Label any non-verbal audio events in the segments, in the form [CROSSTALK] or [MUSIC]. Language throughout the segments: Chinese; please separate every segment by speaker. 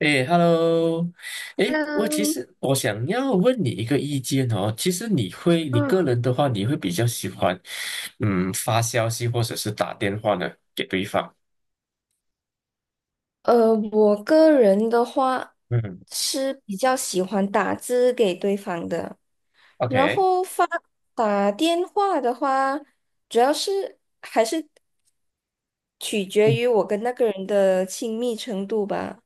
Speaker 1: 诶 h e l l o 诶，其
Speaker 2: 嗯
Speaker 1: 实我想要问你一个意见哦。其实你会，你个
Speaker 2: 嗯，
Speaker 1: 人的话，你会比较喜欢，嗯，发消息或者是打电话呢给对方。
Speaker 2: 我个人的话
Speaker 1: 嗯
Speaker 2: 是比较喜欢打字给对方的，然
Speaker 1: ，OK，
Speaker 2: 后打电话的话，主要是还是取决
Speaker 1: 嗯
Speaker 2: 于我跟那个人的亲密程度吧。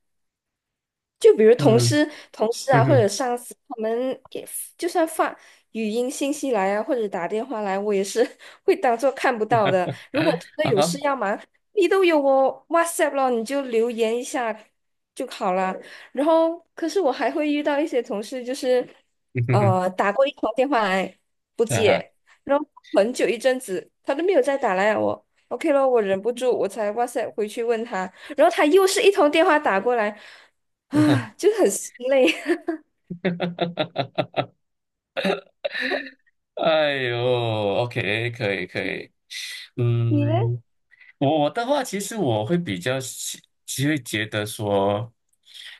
Speaker 2: 就比如同
Speaker 1: 嗯，
Speaker 2: 事、同事啊，
Speaker 1: 嗯
Speaker 2: 或者
Speaker 1: 哼。
Speaker 2: 上司，他们给就算发语音信息来啊，或者打电话来，我也是 [LAUGHS] 会当做看不到的。
Speaker 1: [LAUGHS]
Speaker 2: 如果真的
Speaker 1: 啊
Speaker 2: 有
Speaker 1: 哈。
Speaker 2: 事要忙，你都有我 WhatsApp 了，你就留言一下就好啦。然后，可是我还会遇到一些同事，就是
Speaker 1: 嗯哼哼。
Speaker 2: 打过一通电话来不
Speaker 1: 啊哈。
Speaker 2: 接，然后很久一阵子他都没有再打来我。OK 咯，我忍不住，我才哇塞回去问他，然后他又是一通电话打过来。
Speaker 1: [LAUGHS] 哈！
Speaker 2: 啊，就很心累。[LAUGHS]
Speaker 1: 哎呦，OK，可以可以。
Speaker 2: 你嘞？
Speaker 1: 嗯，我的话，其实我会比较喜，其实会觉得说，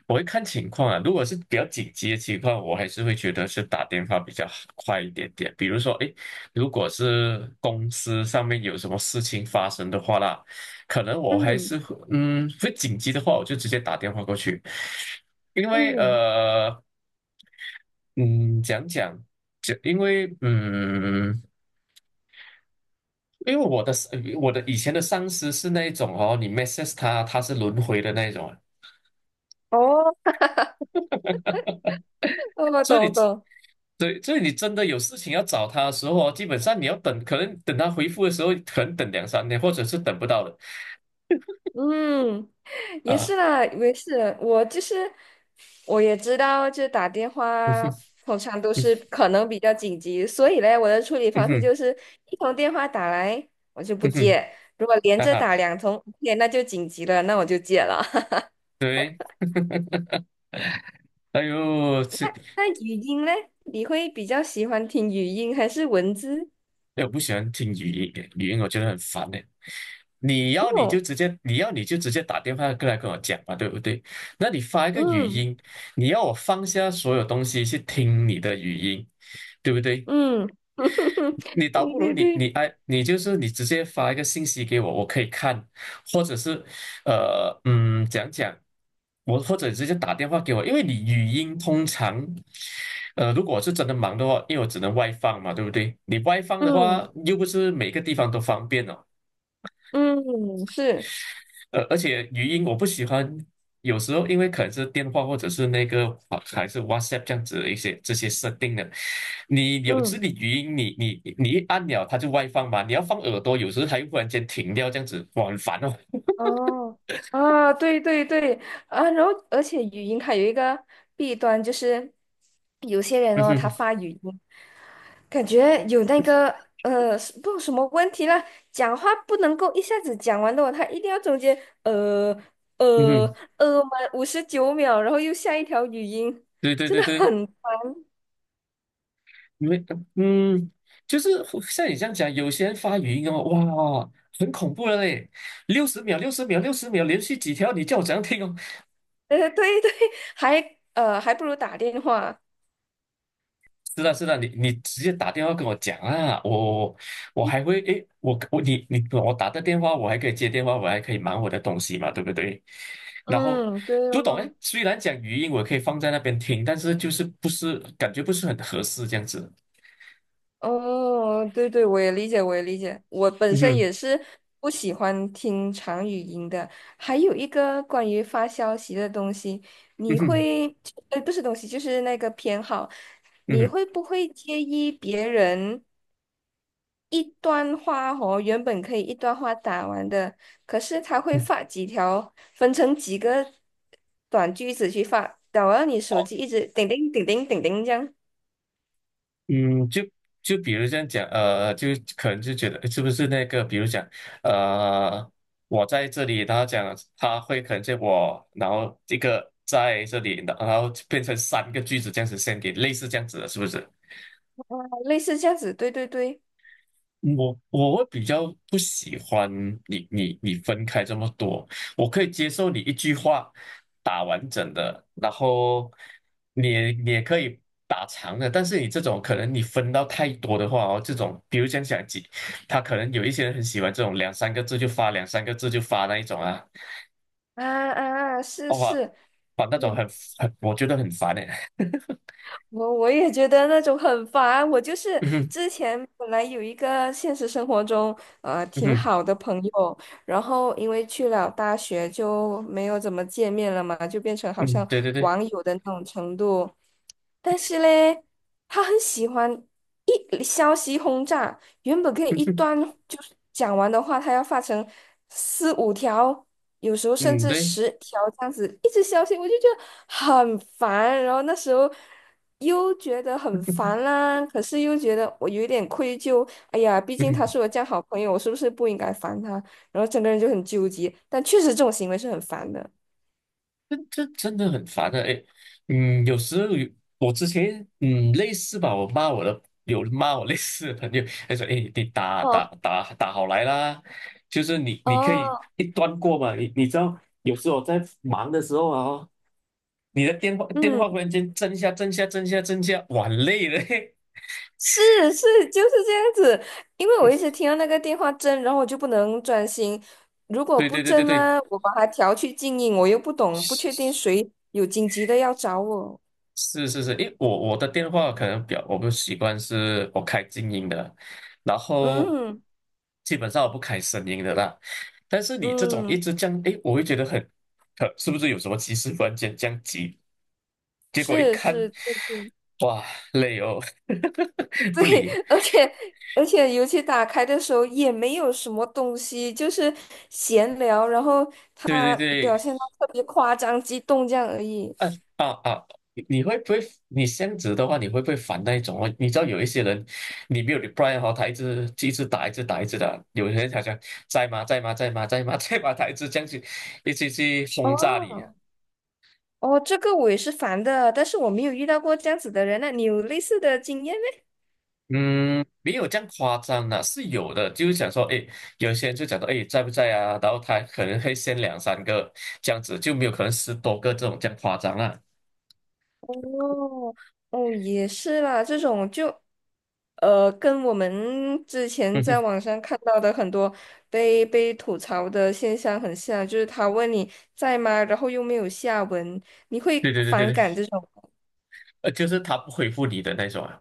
Speaker 1: 我会看情况啊。如果是比较紧急的情况，我还是会觉得是打电话比较好快一点点。比如说，诶，如果是公司上面有什么事情发生的话啦，可能我还
Speaker 2: 嗯
Speaker 1: 是会嗯，会紧急的话，我就直接打电话过去，因为。
Speaker 2: 嗯，
Speaker 1: 嗯，讲，因为嗯，因为我的我的以前的上司是那一种哦，你 message 他，他是轮回的那一种啊，
Speaker 2: 哦，我
Speaker 1: 所以你
Speaker 2: 懂懂，
Speaker 1: 对，所以你真的有事情要找他的时候哦，基本上你要等，可能等他回复的时候，可能等两三天，或者是等不到的
Speaker 2: 嗯，也
Speaker 1: 啊。
Speaker 2: 是啦，没事，我就是我也知道，就打电
Speaker 1: [LAUGHS] 嗯
Speaker 2: 话
Speaker 1: 哼。
Speaker 2: 通常都是可能比较紧急，所以嘞，我的处理
Speaker 1: 嗯
Speaker 2: 方式
Speaker 1: 哼。
Speaker 2: 就是一通电话打来我就不
Speaker 1: 嗯哼。
Speaker 2: 接，如果连
Speaker 1: 哈
Speaker 2: 着
Speaker 1: 哈。
Speaker 2: 打两通 o 那就紧急了，那我就接了。[LAUGHS]
Speaker 1: 对，哎呦，这
Speaker 2: 那语音嘞，你会比较喜欢听语音还是文字？
Speaker 1: 哎，我不喜欢听语音，语音我觉得很烦哎。你要你就
Speaker 2: 哦，
Speaker 1: 直接，你要你就直接打电话过来跟我讲嘛，对不对？那你发一个语
Speaker 2: 嗯
Speaker 1: 音，你要我放下所有东西去听你的语音，对不对？
Speaker 2: 嗯，[LAUGHS]
Speaker 1: 你倒
Speaker 2: 对
Speaker 1: 不如
Speaker 2: 对
Speaker 1: 你
Speaker 2: 对。
Speaker 1: 你哎，你就是你直接发一个信息给我，我可以看，或者是讲，我或者直接打电话给我，因为你语音通常，如果是真的忙的话，因为我只能外放嘛，对不对？你外放的话，
Speaker 2: 嗯
Speaker 1: 又不是每个地方都方便哦。
Speaker 2: 嗯，是，
Speaker 1: 而且语音我不喜欢，有时候因为可能是电话或者是那个啊还是 WhatsApp 这样子的一些这些设定的，你有时
Speaker 2: 嗯，
Speaker 1: 你语音你一按了它就外放嘛，你要放耳朵，有时候它又忽然间停掉这样子，哇，很烦哦。[LAUGHS]
Speaker 2: 哦，啊，对对对，啊，然后而且语音它有一个弊端，就是有些人
Speaker 1: 嗯
Speaker 2: 哦，
Speaker 1: 哼。
Speaker 2: 他发语音，感觉有那个是不知道什么问题了，讲话不能够一下子讲完的哦，他一定要中间呃
Speaker 1: 嗯
Speaker 2: 呃
Speaker 1: 哼。
Speaker 2: 满59秒，然后又下一条语音，
Speaker 1: 对对
Speaker 2: 真
Speaker 1: 对
Speaker 2: 的
Speaker 1: 对。
Speaker 2: 很，
Speaker 1: 因为嗯，就是像你这样讲，有些人发语音哦，哇，很恐怖的嘞，60秒、60秒、60秒，连续几条，你叫我怎样听哦？
Speaker 2: 对对，还不如打电话，
Speaker 1: 是的，是的，你你直接打电话跟我讲啊，我我还会诶，我我你你我打的电话，我还可以接电话，我还可以忙我的东西嘛，对不对？然后
Speaker 2: 嗯，对
Speaker 1: 不懂诶，
Speaker 2: 哦。
Speaker 1: 虽然讲语音我可以放在那边听，但是就是不是感觉不是很合适这样子。
Speaker 2: 哦，对对，我也理解，我也理解。我本
Speaker 1: 嗯
Speaker 2: 身
Speaker 1: 哼。
Speaker 2: 也是不喜欢听长语音的。还有一个关于发消息的东西，
Speaker 1: 嗯
Speaker 2: 你
Speaker 1: 哼。
Speaker 2: 会，不是东西，就是那个偏好，
Speaker 1: 嗯
Speaker 2: 你
Speaker 1: 哼。
Speaker 2: 会不会介意别人一段话哦，原本可以一段话打完的，可是他会
Speaker 1: 嗯。
Speaker 2: 发几条，分成几个短句子去发，打完你手机一直叮叮叮叮叮叮这样，
Speaker 1: 嗯，就比如这样讲，可能就觉得诶是不是那个，比如讲，呃，我在这里，然后讲他会可能见我，然后一个在这里，然后变成三个句子这样子 s e n d i 类似这样子的，是不是？
Speaker 2: 哦类似这样子，对对对。
Speaker 1: 我我会比较不喜欢你分开这么多，我可以接受你一句话打完整的，然后你也可以打长的，但是你这种可能你分到太多的话哦，这种比如讲几，他可能有一些人很喜欢这种两三个字就发，两三个字就发那一种啊，
Speaker 2: 啊啊，啊是
Speaker 1: 哇，
Speaker 2: 是，
Speaker 1: 把那种
Speaker 2: 嗯，
Speaker 1: 很我觉得很烦哎。
Speaker 2: 我也觉得那种很烦。我就
Speaker 1: [LAUGHS]
Speaker 2: 是
Speaker 1: 嗯哼。
Speaker 2: 之前本来有一个现实生活中
Speaker 1: 嗯
Speaker 2: 挺
Speaker 1: 哼。
Speaker 2: 好的朋友，然后因为去了大学就没有怎么见面了嘛，就变成好
Speaker 1: 嗯。
Speaker 2: 像
Speaker 1: 对对对。
Speaker 2: 网友的那种程度。但是嘞，他很喜欢一消息轰炸，原本可
Speaker 1: [LAUGHS]
Speaker 2: 以
Speaker 1: 嗯
Speaker 2: 一段
Speaker 1: 哼。
Speaker 2: 就是讲完的话，他要发成四五条。有时候甚
Speaker 1: 嗯。
Speaker 2: 至
Speaker 1: 对。
Speaker 2: 10条这样子一直消息，我就觉得很烦。然后那时候又觉得很烦
Speaker 1: [LAUGHS]
Speaker 2: 啦，可是又觉得我有一点愧疚。哎呀，毕竟他是我这样好朋友，我是不是不应该烦他？然后整个人就很纠结。但确实这种行为是很烦的。
Speaker 1: 这这真的很烦的，哎，嗯，有时候有我之前类似吧，我骂我的有骂我类似的朋友，他说，哎，你打打
Speaker 2: 哦
Speaker 1: 打打好来啦，就是你你可以
Speaker 2: 哦，
Speaker 1: 一端过嘛，你你知道有时候我在忙的时候啊哦，你的电话电
Speaker 2: 嗯，
Speaker 1: 话忽然间震一下震一下震一下震一下，哇很累了，嘿。
Speaker 2: 是是，就是这样子。因为我一直听
Speaker 1: [LAUGHS]
Speaker 2: 到那个电话震，然后我就不能专心。如果
Speaker 1: 对
Speaker 2: 不
Speaker 1: 对对对
Speaker 2: 震
Speaker 1: 对。
Speaker 2: 呢，我把它调去静音，我又不懂，不确定谁有紧急的要找我。
Speaker 1: 是是是。因为我的电话可能表我不习惯是我开静音的，然后
Speaker 2: 嗯
Speaker 1: 基本上我不开声音的啦。但是你这种一
Speaker 2: 嗯，
Speaker 1: 直这样，诶，我会觉得很，可是不是有什么急事突然间这样急？结果一
Speaker 2: 是
Speaker 1: 看，
Speaker 2: 是，对对
Speaker 1: 哇，累哦。
Speaker 2: 对，
Speaker 1: [LAUGHS] 不理。
Speaker 2: [LAUGHS] 而且，尤其打开的时候也没有什么东西，就是闲聊，然后
Speaker 1: 对对
Speaker 2: 他
Speaker 1: 对。
Speaker 2: 表现的特别夸张、激动这样而已。
Speaker 1: 啊啊啊！你你会不会？你这样子的话，你会不会烦那一种哦？你知道有一些人，你没有 reply 哈，他一直一直打，一直打，一直的，有些人好像在吗？在吗？在吗？在吗？[LAUGHS] 在吗？他一直这样去，一直去轰炸你。
Speaker 2: 哦哦，这个我也是烦的，但是我没有遇到过这样子的人那你有类似的经验？
Speaker 1: 嗯，没有这样夸张的，是有的。就是想说，哎，有些人就讲到，哎，在不在啊？然后他可能会先两三个这样子，就没有可能10多个这种这样夸张啊。
Speaker 2: 哦，哦，也是啦，这种就，跟我们之前
Speaker 1: 嗯
Speaker 2: 在
Speaker 1: 哼。
Speaker 2: 网上看到的很多被吐槽的现象很像，就是他问你在吗，然后又没有下文，你
Speaker 1: 对
Speaker 2: 会
Speaker 1: 对对对
Speaker 2: 反
Speaker 1: 对。
Speaker 2: 感这种。
Speaker 1: 就是他不回复你的那种啊，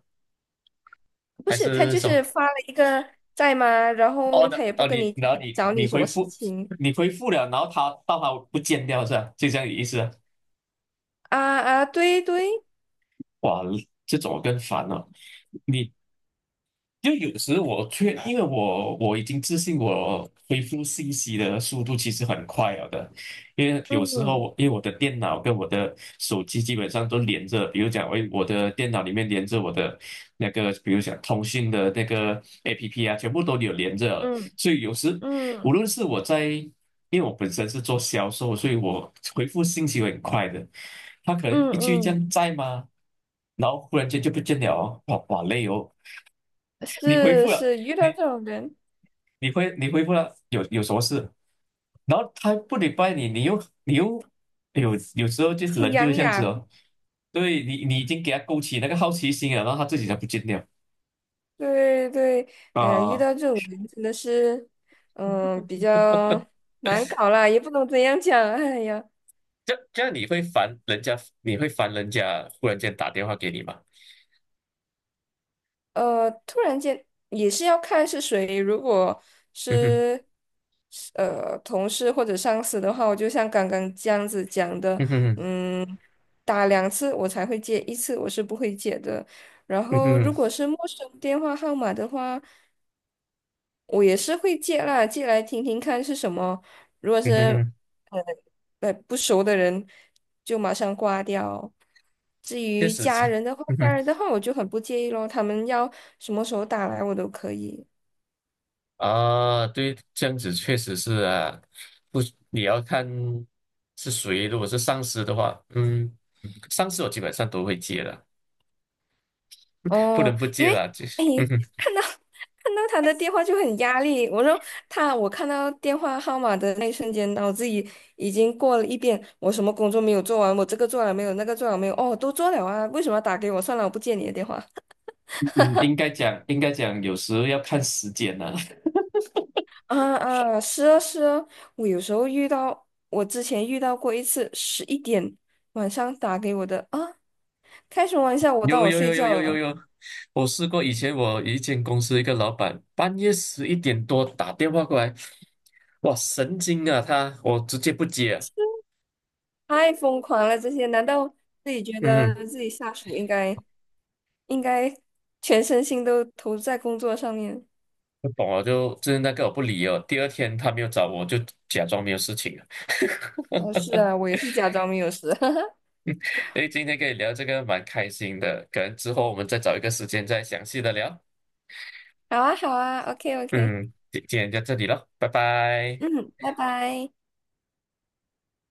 Speaker 2: 不
Speaker 1: 还
Speaker 2: 是，他
Speaker 1: 是
Speaker 2: 就
Speaker 1: 什
Speaker 2: 是
Speaker 1: 么？
Speaker 2: 发了一个在吗，然
Speaker 1: 哦，
Speaker 2: 后
Speaker 1: 那
Speaker 2: 他也不
Speaker 1: 哦，
Speaker 2: 跟
Speaker 1: 你
Speaker 2: 你讲
Speaker 1: 然后你
Speaker 2: 找你
Speaker 1: 你
Speaker 2: 什
Speaker 1: 回
Speaker 2: 么事
Speaker 1: 复，
Speaker 2: 情
Speaker 1: 你回复了，然后他到它不见掉是吧？就这样的意思啊。
Speaker 2: 啊啊，对对，
Speaker 1: 哇，这种更烦了。你就有时因为我已经自信我恢复信息的速度其实很快了的，因为有时候
Speaker 2: 嗯
Speaker 1: 我因为我的电脑跟我的手机基本上都连着，比如讲我的电脑里面连着我的那个，比如讲通讯的那个 APP 啊，全部都有连着了，
Speaker 2: 嗯
Speaker 1: 所以无
Speaker 2: 嗯
Speaker 1: 论是我在，因为我本身是做销售，所以我回复信息会很快的，他可能
Speaker 2: 嗯
Speaker 1: 一句这
Speaker 2: 嗯，
Speaker 1: 样在吗？然后忽然间就不见了哦，哇哇累哦，你回
Speaker 2: 是
Speaker 1: 复了，
Speaker 2: 是，遇
Speaker 1: 你
Speaker 2: 到这种人
Speaker 1: 你回复了，有什么事？然后他不礼拜你，你又你又有时候就
Speaker 2: 心
Speaker 1: 人就
Speaker 2: 痒
Speaker 1: 是这样子
Speaker 2: 痒。
Speaker 1: 哦，对你你已经给他勾起那个好奇心了，然后他自己才不见掉
Speaker 2: 对对，哎呀，遇
Speaker 1: 啊，
Speaker 2: 到这种人真的是，嗯，比较难搞啦，也不能怎样讲。哎呀，
Speaker 1: 这这样你会烦人家，你会烦人家忽然间打电话给你吗？
Speaker 2: 突然间也是要看是谁，如果
Speaker 1: 嗯哼。
Speaker 2: 是是同事或者上司的话，我就像刚刚这样子讲的，
Speaker 1: 嗯哼。
Speaker 2: 嗯，打两次我才会接，一次我是不会接的。然
Speaker 1: 嗯
Speaker 2: 后
Speaker 1: 哼。
Speaker 2: 如果是陌生电话号码的话。我也是会借啦，借来听听看是什么。如果是
Speaker 1: 嗯哼。
Speaker 2: 呃不熟的人，就马上挂掉。至
Speaker 1: 确
Speaker 2: 于
Speaker 1: 实
Speaker 2: 家
Speaker 1: 是。
Speaker 2: 人的话，
Speaker 1: 嗯
Speaker 2: 家
Speaker 1: 哼。
Speaker 2: 人的话我就很不介意咯，他们要什么时候打来我都可以。
Speaker 1: 啊，对，这样子确实是啊，不，你要看是谁。如果是上司的话，嗯，上司我基本上都会接了，不
Speaker 2: 哦，
Speaker 1: 能不
Speaker 2: 因
Speaker 1: 接
Speaker 2: 为
Speaker 1: 了。就是。
Speaker 2: 哎，
Speaker 1: [LAUGHS] 嗯
Speaker 2: 看到 [LAUGHS] 看到他的电话就很压力。我说他，我看到电话号码的那一瞬间，脑子已经过了一遍，我什么工作没有做完，我这个做了没有，那个做了没有，哦，都做了啊，为什么要打给我？算了，我不接你的电话。
Speaker 1: 哼，应该讲，应该讲，有时候要看时间呢、
Speaker 2: 啊啊，是啊是啊，我有时候遇到，我之前遇到过一次，11点晚上打给我的啊，开什么玩笑，
Speaker 1: [LAUGHS]
Speaker 2: 我当
Speaker 1: 有
Speaker 2: 我
Speaker 1: 有
Speaker 2: 睡
Speaker 1: 有有
Speaker 2: 觉
Speaker 1: 有有
Speaker 2: 了，
Speaker 1: 有，我试过，以前我一间公司一个老板，半夜11点多打电话过来，哇，神经啊他，我直接不接啊。
Speaker 2: 太疯狂了这些，难道自己觉
Speaker 1: 嗯
Speaker 2: 得
Speaker 1: 哼。
Speaker 2: 自己下属应该应该全身心都投入在工作上面？
Speaker 1: 不懂了，就就是那个我不理哦。第二天他没有找我，就假装没有事情了。
Speaker 2: 哦，
Speaker 1: [LAUGHS]
Speaker 2: 是啊，我也是假装没有事，[LAUGHS]
Speaker 1: 诶，今天跟你聊这个蛮开心的，可能之后我们再找一个时间再详细的聊。
Speaker 2: 好啊好啊，OK OK，
Speaker 1: 嗯，今天就这里了，拜拜。
Speaker 2: 嗯，拜拜。